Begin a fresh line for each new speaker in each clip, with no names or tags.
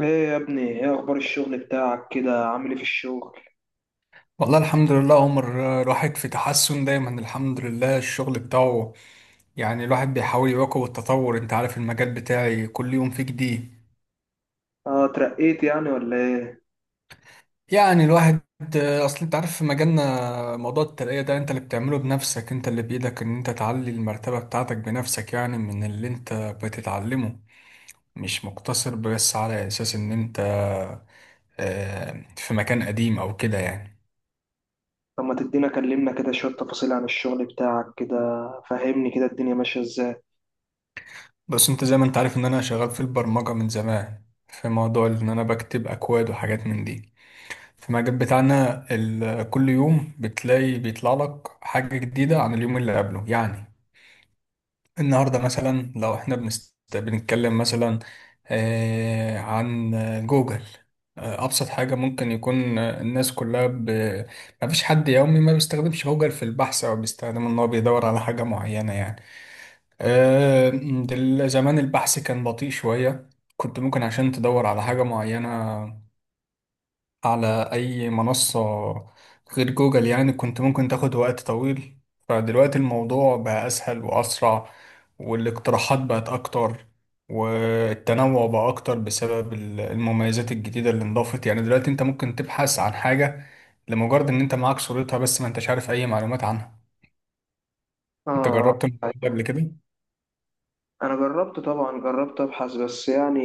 ايه يا ابني، ايه اخبار الشغل بتاعك؟ كده عامل ايه في الشغل؟
والله الحمد لله، عمر الواحد في تحسن دايما، الحمد لله. الشغل بتاعه يعني الواحد بيحاول يواكب التطور. انت عارف المجال بتاعي كل يوم فيه جديد.
اه، اترقيت يعني ولا ايه؟
يعني الواحد اصل انت عارف، في مجالنا موضوع الترقية ده انت اللي بتعمله بنفسك، انت اللي بايدك ان انت تعلي المرتبة بتاعتك بنفسك، يعني من اللي انت بتتعلمه، مش مقتصر بس على اساس ان انت في مكان قديم او كده يعني.
طب ما تدينا كلمنا كده شوية تفاصيل عن الشغل بتاعك كده. فهمني كده الدنيا ماشية ازاي.
بس انت زي ما انت عارف ان انا شغال في البرمجة من زمان، في موضوع ان انا بكتب اكواد وحاجات من دي. في المجال بتاعنا كل يوم بتلاقي بيطلع لك حاجة جديدة عن اليوم اللي قبله يعني. النهاردة مثلا لو احنا بنتكلم مثلا عن جوجل. ابسط حاجة ممكن يكون الناس كلها ما فيش حد يومي ما بيستخدمش جوجل في البحث، او بيستخدم ان هو بيدور على حاجة معينة يعني. آه، زمان البحث كان بطيء شوية، كنت ممكن عشان تدور على حاجة معينة على أي منصة غير جوجل، يعني كنت ممكن تاخد وقت طويل. فدلوقتي الموضوع بقى أسهل وأسرع، والاقتراحات بقت أكتر، والتنوع بقى أكتر بسبب المميزات الجديدة اللي انضافت. يعني دلوقتي أنت ممكن تبحث عن حاجة لمجرد إن أنت معاك صورتها بس ما أنتش عارف أي معلومات عنها. أنت
اه،
جربت الموضوع ده
آه.
قبل كده؟
انا جربت طبعا، جربت ابحث بس. يعني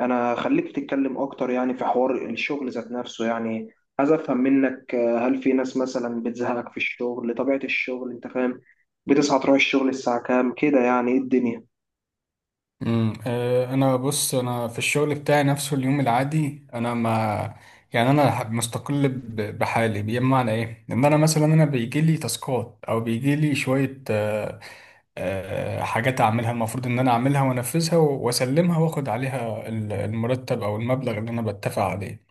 انا خليك تتكلم اكتر، يعني في حوار الشغل ذات نفسه، يعني عايز افهم منك. هل في ناس مثلا بتزهقك في الشغل؟ طبيعة الشغل، انت فاهم؟ بتصحى تروح الشغل الساعة كام كده؟ يعني ايه الدنيا؟
انا بص، انا في الشغل بتاعي نفسه، اليوم العادي انا ما يعني انا مستقل بحالي. بمعنى ايه؟ ان انا مثلا، بيجي لي تاسكات او بيجي لي شويه حاجات اعملها، المفروض ان انا اعملها وانفذها واسلمها، واخد عليها المرتب او المبلغ اللي انا بتفق عليه.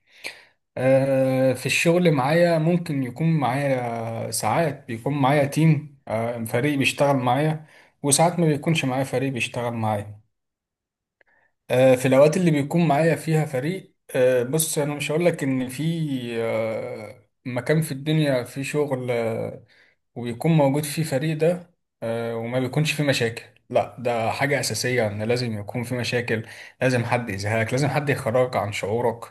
في الشغل معايا ممكن يكون معايا، ساعات بيكون معايا تيم فريق بيشتغل معايا، وساعات ما بيكونش معايا فريق بيشتغل معايا. في الأوقات اللي بيكون معايا فيها فريق، بص، أنا مش هقول لك إن في مكان في الدنيا في شغل وبيكون موجود فيه فريق ده وما بيكونش فيه مشاكل. لا، ده حاجة أساسية إن لازم يكون في مشاكل، لازم حد يزهقك، لازم حد يخرجك عن شعورك.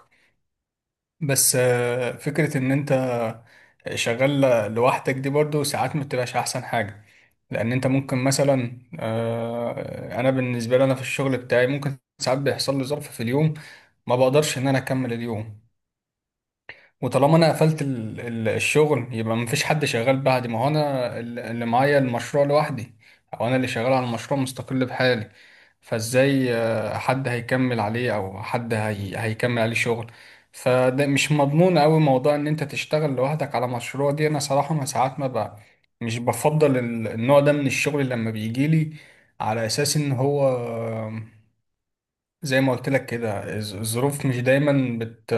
بس فكرة إن أنت شغال لوحدك دي برضو ساعات ما بتبقاش أحسن حاجة. لأن أنت ممكن مثلا، أنا بالنسبة لي، أنا في الشغل بتاعي ممكن ساعات بيحصل لي ظرف في اليوم ما بقدرش ان انا اكمل اليوم، وطالما انا قفلت الشغل يبقى مفيش حد شغال بعدي، ما هو انا اللي معايا المشروع لوحدي، او انا اللي شغال على المشروع مستقل بحالي. فازاي حد هيكمل عليه، او حد هيكمل عليه شغل؟ فده مش مضمون قوي موضوع ان انت تشتغل لوحدك على مشروع دي. انا صراحة ما ساعات ما بقى مش بفضل النوع ده من الشغل لما بيجيلي، على اساس ان هو زي ما قلت لك كده الظروف مش دايما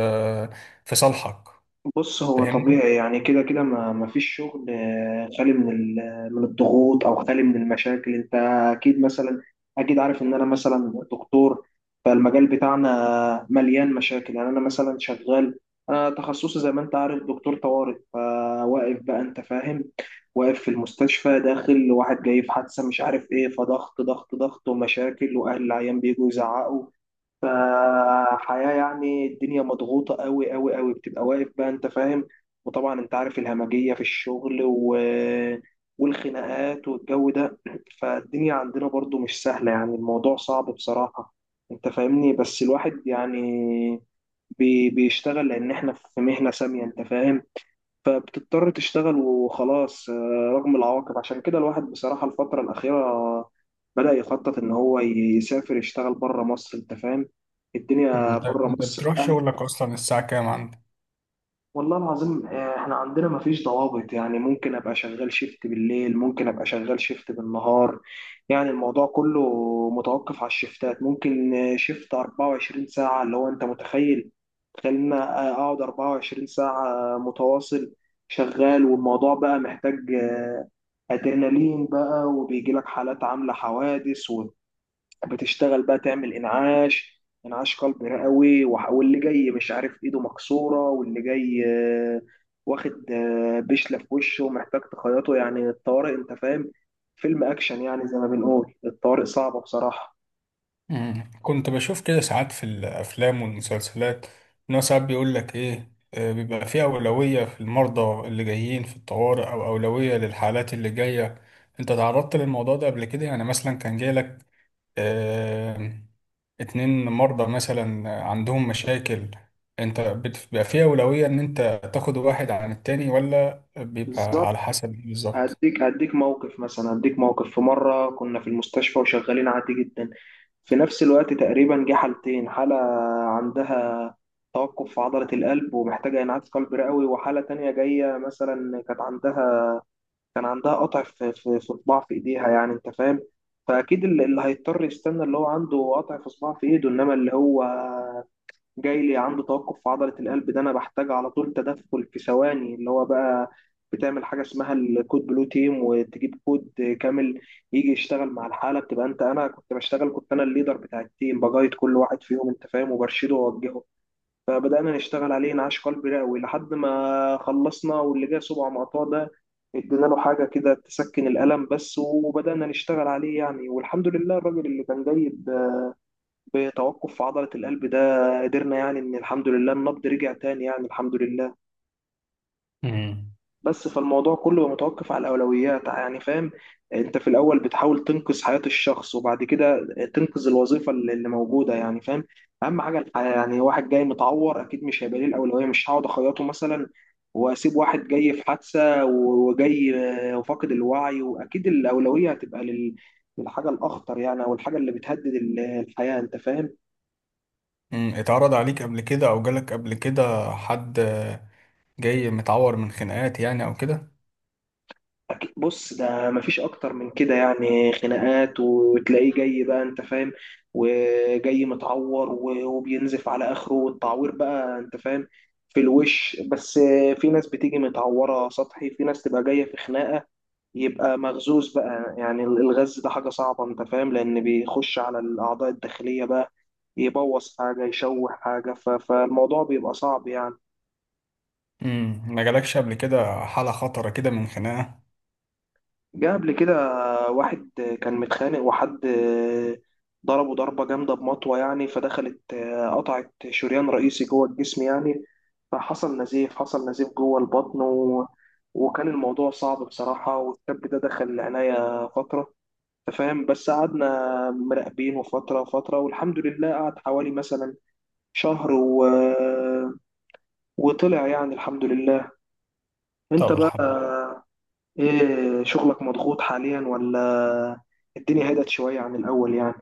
في صالحك.
بص، هو
فاهمني؟
طبيعي يعني، كده كده ما فيش شغل خالي من من الضغوط، او خالي من المشاكل، انت اكيد مثلا، اكيد عارف ان انا مثلا دكتور. فالمجال بتاعنا مليان مشاكل يعني. انا مثلا شغال، انا تخصصي زي ما انت عارف دكتور طوارئ، فواقف بقى، انت فاهم؟ واقف في المستشفى، داخل واحد جاي في حادثة مش عارف ايه، فضغط ضغط ضغط ومشاكل، واهل العيان بيجوا يزعقوا. فحياة، يعني الدنيا مضغوطة قوي قوي قوي، بتبقى واقف بقى، انت فاهم؟ وطبعا انت عارف الهمجية في الشغل والخناقات والجو ده. فالدنيا عندنا برضو مش سهلة، يعني الموضوع صعب بصراحة، انت فاهمني؟ بس الواحد يعني بيشتغل، لان احنا في مهنة سامية، انت فاهم. فبتضطر تشتغل وخلاص، رغم العواقب. عشان كده الواحد بصراحة الفترة الأخيرة بدأ يخطط إن هو يسافر يشتغل بره مصر، أنت فاهم، الدنيا
انت،
بره
انت
مصر.
بتروح شغلك اصلا الساعة كام عندك؟
والله العظيم، احنا عندنا مفيش ضوابط. يعني ممكن ابقى شغال شيفت بالليل، ممكن ابقى شغال شيفت بالنهار. يعني الموضوع كله متوقف على الشيفتات. ممكن شيفت 24 ساعة، اللي هو انت متخيل؟ تخيل ان أنا اقعد 24 ساعة متواصل شغال، والموضوع بقى محتاج آه، ادرينالين بقى. وبيجي لك حالات عاملة حوادث، بتشتغل بقى تعمل انعاش قلب رئوي، واللي جاي مش عارف ايده مكسوره، واللي جاي واخد بشله في وشه ومحتاج تخيطه. يعني الطوارئ، انت فاهم، فيلم اكشن يعني. زي ما بنقول، الطوارئ صعبه بصراحه.
كنت بشوف كده ساعات في الافلام والمسلسلات، ان هو ساعات بيقول لك ايه بيبقى في اولوية في المرضى اللي جايين في الطوارئ، او اولوية للحالات اللي جاية. انت تعرضت للموضوع ده قبل كده؟ يعني مثلا كان جاي لك آه، اتنين مرضى مثلا عندهم مشاكل، انت بيبقى فيه أولوية ان انت تاخد واحد عن التاني، ولا بيبقى
بالظبط.
على حسب؟ بالظبط.
هديك موقف مثلا، هديك موقف في مرة كنا في المستشفى وشغالين عادي جدا، في نفس الوقت تقريبا جه حالتين. حالة عندها توقف في عضلة القلب ومحتاجة إنعاش قلبي رئوي، وحالة تانية جاية مثلا كانت عندها، كان عندها قطع في صباع في إيديها، يعني أنت فاهم. فأكيد اللي هيضطر يستنى اللي هو عنده قطع في صباع في إيده، إنما اللي هو جاي لي عنده توقف في عضلة القلب ده أنا بحتاج على طول تدخل في ثواني. اللي هو بقى بتعمل حاجة اسمها الكود بلو تيم، وتجيب كود كامل يجي يشتغل مع الحالة. بتبقى أنت، أنا كنت بشتغل، كنت أنا الليدر بتاع التيم، بجايد كل واحد فيهم، أنت فاهم، وبرشده وأوجهه. فبدأنا نشتغل عليه انعاش قلبي رئوي لحد ما خلصنا. واللي جه صباع مقطوع ده ادينا له حاجة كده تسكن الألم بس، وبدأنا نشتغل عليه يعني. والحمد لله، الراجل اللي كان جاي بتوقف في عضلة القلب ده قدرنا يعني، إن الحمد لله النبض رجع تاني، يعني الحمد لله.
امم
بس فالموضوع كله متوقف على الأولويات، يعني فاهم. أنت في الأول بتحاول تنقذ حياة الشخص، وبعد كده تنقذ الوظيفة اللي موجودة، يعني فاهم. أهم حاجة الحياة. يعني واحد جاي متعور أكيد مش هيبقى ليه الأولوية، مش هقعد أخيطه مثلا وأسيب واحد جاي في حادثة وجاي وفاقد الوعي. وأكيد الأولوية هتبقى للحاجة الأخطر، يعني أو الحاجة اللي بتهدد الحياة، أنت فاهم.
اتعرض عليك قبل كده، او جالك قبل كده حد جاي متعور من خناقات يعني او كده؟
بص، ده مفيش اكتر من كده، يعني خناقات وتلاقيه جاي بقى، انت فاهم، وجاي متعور وبينزف على اخره، والتعوير بقى، انت فاهم، في الوش بس. في ناس بتيجي متعورة سطحي، في ناس تبقى جاية في خناقة يبقى مغزوز بقى، يعني الغز ده حاجة صعبة، انت فاهم، لان بيخش على الاعضاء الداخلية بقى، يبوظ حاجة، يشوه حاجة. فالموضوع بيبقى صعب يعني.
ما جالكش قبل كده حالة خطرة كده من خناقة؟
جه قبل كده واحد كان متخانق، وحد ضربه ضربة جامدة بمطوة، يعني فدخلت قطعت شريان رئيسي جوه الجسم يعني. فحصل نزيف، حصل نزيف جوه البطن، وكان الموضوع صعب بصراحة. والشاب ده دخل العناية فترة، أنت فاهم، بس قعدنا مراقبينه فترة فترة، والحمد لله قعد حوالي مثلا شهر وطلع، يعني الحمد لله. انت
طب
بقى ايه، شغلك مضغوط حاليا ولا الدنيا هدت شوية عن الأول يعني؟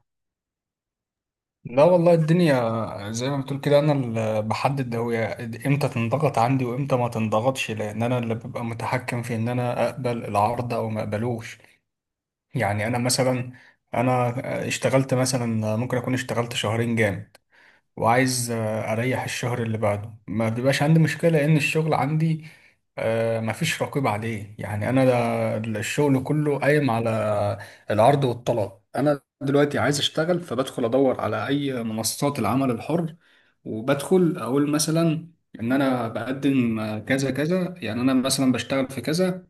لا والله، الدنيا زي ما بتقول كده، انا اللي بحدد هي امتى تنضغط عندي وامتى ما تنضغطش، لان انا اللي ببقى متحكم في ان انا اقبل العرض او ما اقبلوش. يعني انا مثلا، انا اشتغلت مثلا، ممكن اكون اشتغلت شهرين جامد، وعايز اريح الشهر اللي بعده، ما بيبقاش عندي مشكله، لان الشغل عندي مفيش رقيب عليه. يعني انا الشغل كله قايم على العرض والطلب. انا دلوقتي عايز اشتغل، فبدخل ادور على اي منصات العمل الحر، وبدخل اقول مثلا ان انا بقدم كذا كذا، يعني انا مثلا بشتغل في كذا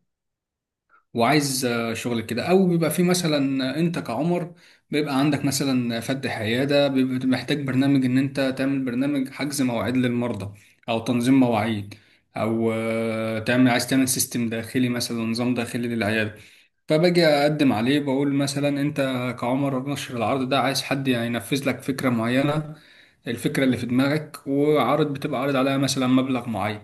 وعايز شغل كده، او بيبقى في مثلا انت كعمر بيبقى عندك مثلا فتح عياده، بيبقى محتاج برنامج ان انت تعمل برنامج حجز مواعيد للمرضى او تنظيم مواعيد، او آه، تعمل عايز تعمل سيستم داخلي مثلا، نظام داخلي للعياده. فباجي اقدم عليه، بقول مثلا انت كعمر نشر العرض ده، عايز حد هينفذ لك فكره معينه، الفكره اللي في دماغك، وعرض بتبقى عارض عليها مثلا مبلغ معين.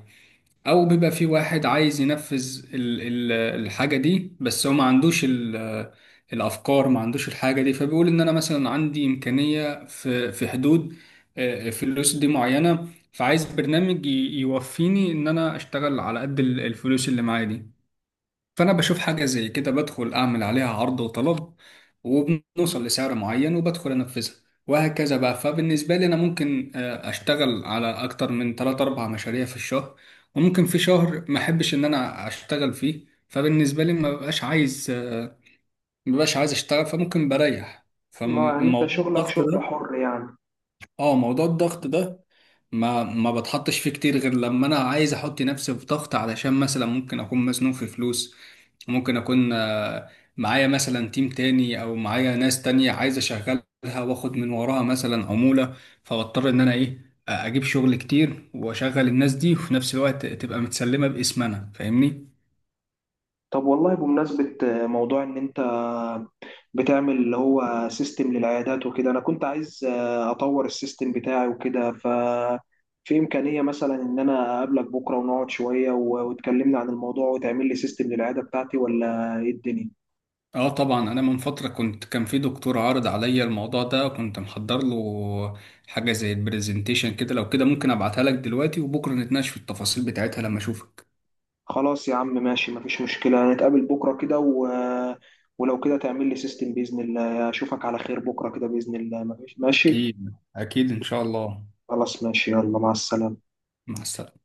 او بيبقى في واحد عايز ينفذ الحاجه دي، بس هو ما عندوش الافكار، ما عندوش الحاجه دي، فبيقول ان انا مثلا عندي امكانيه في حدود فلوس دي معينه، فعايز برنامج يوفيني ان انا اشتغل على قد الفلوس اللي معايا دي. فأنا بشوف حاجة زي كده، بدخل أعمل عليها عرض وطلب، وبنوصل لسعر معين، وبدخل أنفذها، وهكذا بقى. فبالنسبة لي أنا ممكن أشتغل على أكتر من 3 أربع مشاريع في الشهر، وممكن في شهر ما أحبش إن أنا أشتغل فيه، فبالنسبة لي ما ببقاش عايز أشتغل، فممكن بريح.
ما يعني انت
فموضوع
شغلك
الضغط
شغل
ده،
حر يعني.
اه، موضوع الضغط ده ما بتحطش فيه كتير غير لما انا عايز احط نفسي في ضغط، علشان مثلا ممكن اكون مزنوق في فلوس، ممكن اكون معايا مثلا تيم تاني او معايا ناس تانية عايز اشغلها، واخد من وراها مثلا عمولة، فبضطر ان انا ايه اجيب شغل كتير واشغل الناس دي، وفي نفس الوقت تبقى متسلمة باسم انا. فاهمني؟
طب والله، بمناسبة موضوع ان انت بتعمل اللي هو سيستم للعيادات وكده، انا كنت عايز اطور السيستم بتاعي وكده. ف في امكانية مثلا ان انا اقابلك بكرة ونقعد شوية وتكلمنا عن الموضوع وتعمل لي سيستم للعيادة بتاعتي، ولا ايه الدنيا؟
اه طبعا، انا من فترة كنت، كان في دكتور عارض عليا الموضوع ده، وكنت محضر له حاجة زي البرزنتيشن كده. لو كده ممكن ابعتها لك دلوقتي، وبكرة نتناقش في التفاصيل بتاعتها لما اشوفك.
خلاص يا عم، ماشي، مفيش مشكلة، نتقابل بكرة كده، ولو كده تعمل لي سيستم بإذن الله. أشوفك على خير بكرة كده بإذن الله، مفيش، ماشي.
اكيد اكيد، ان شاء الله.
خلاص ماشي، يلا مع السلامة.
مع السلامة.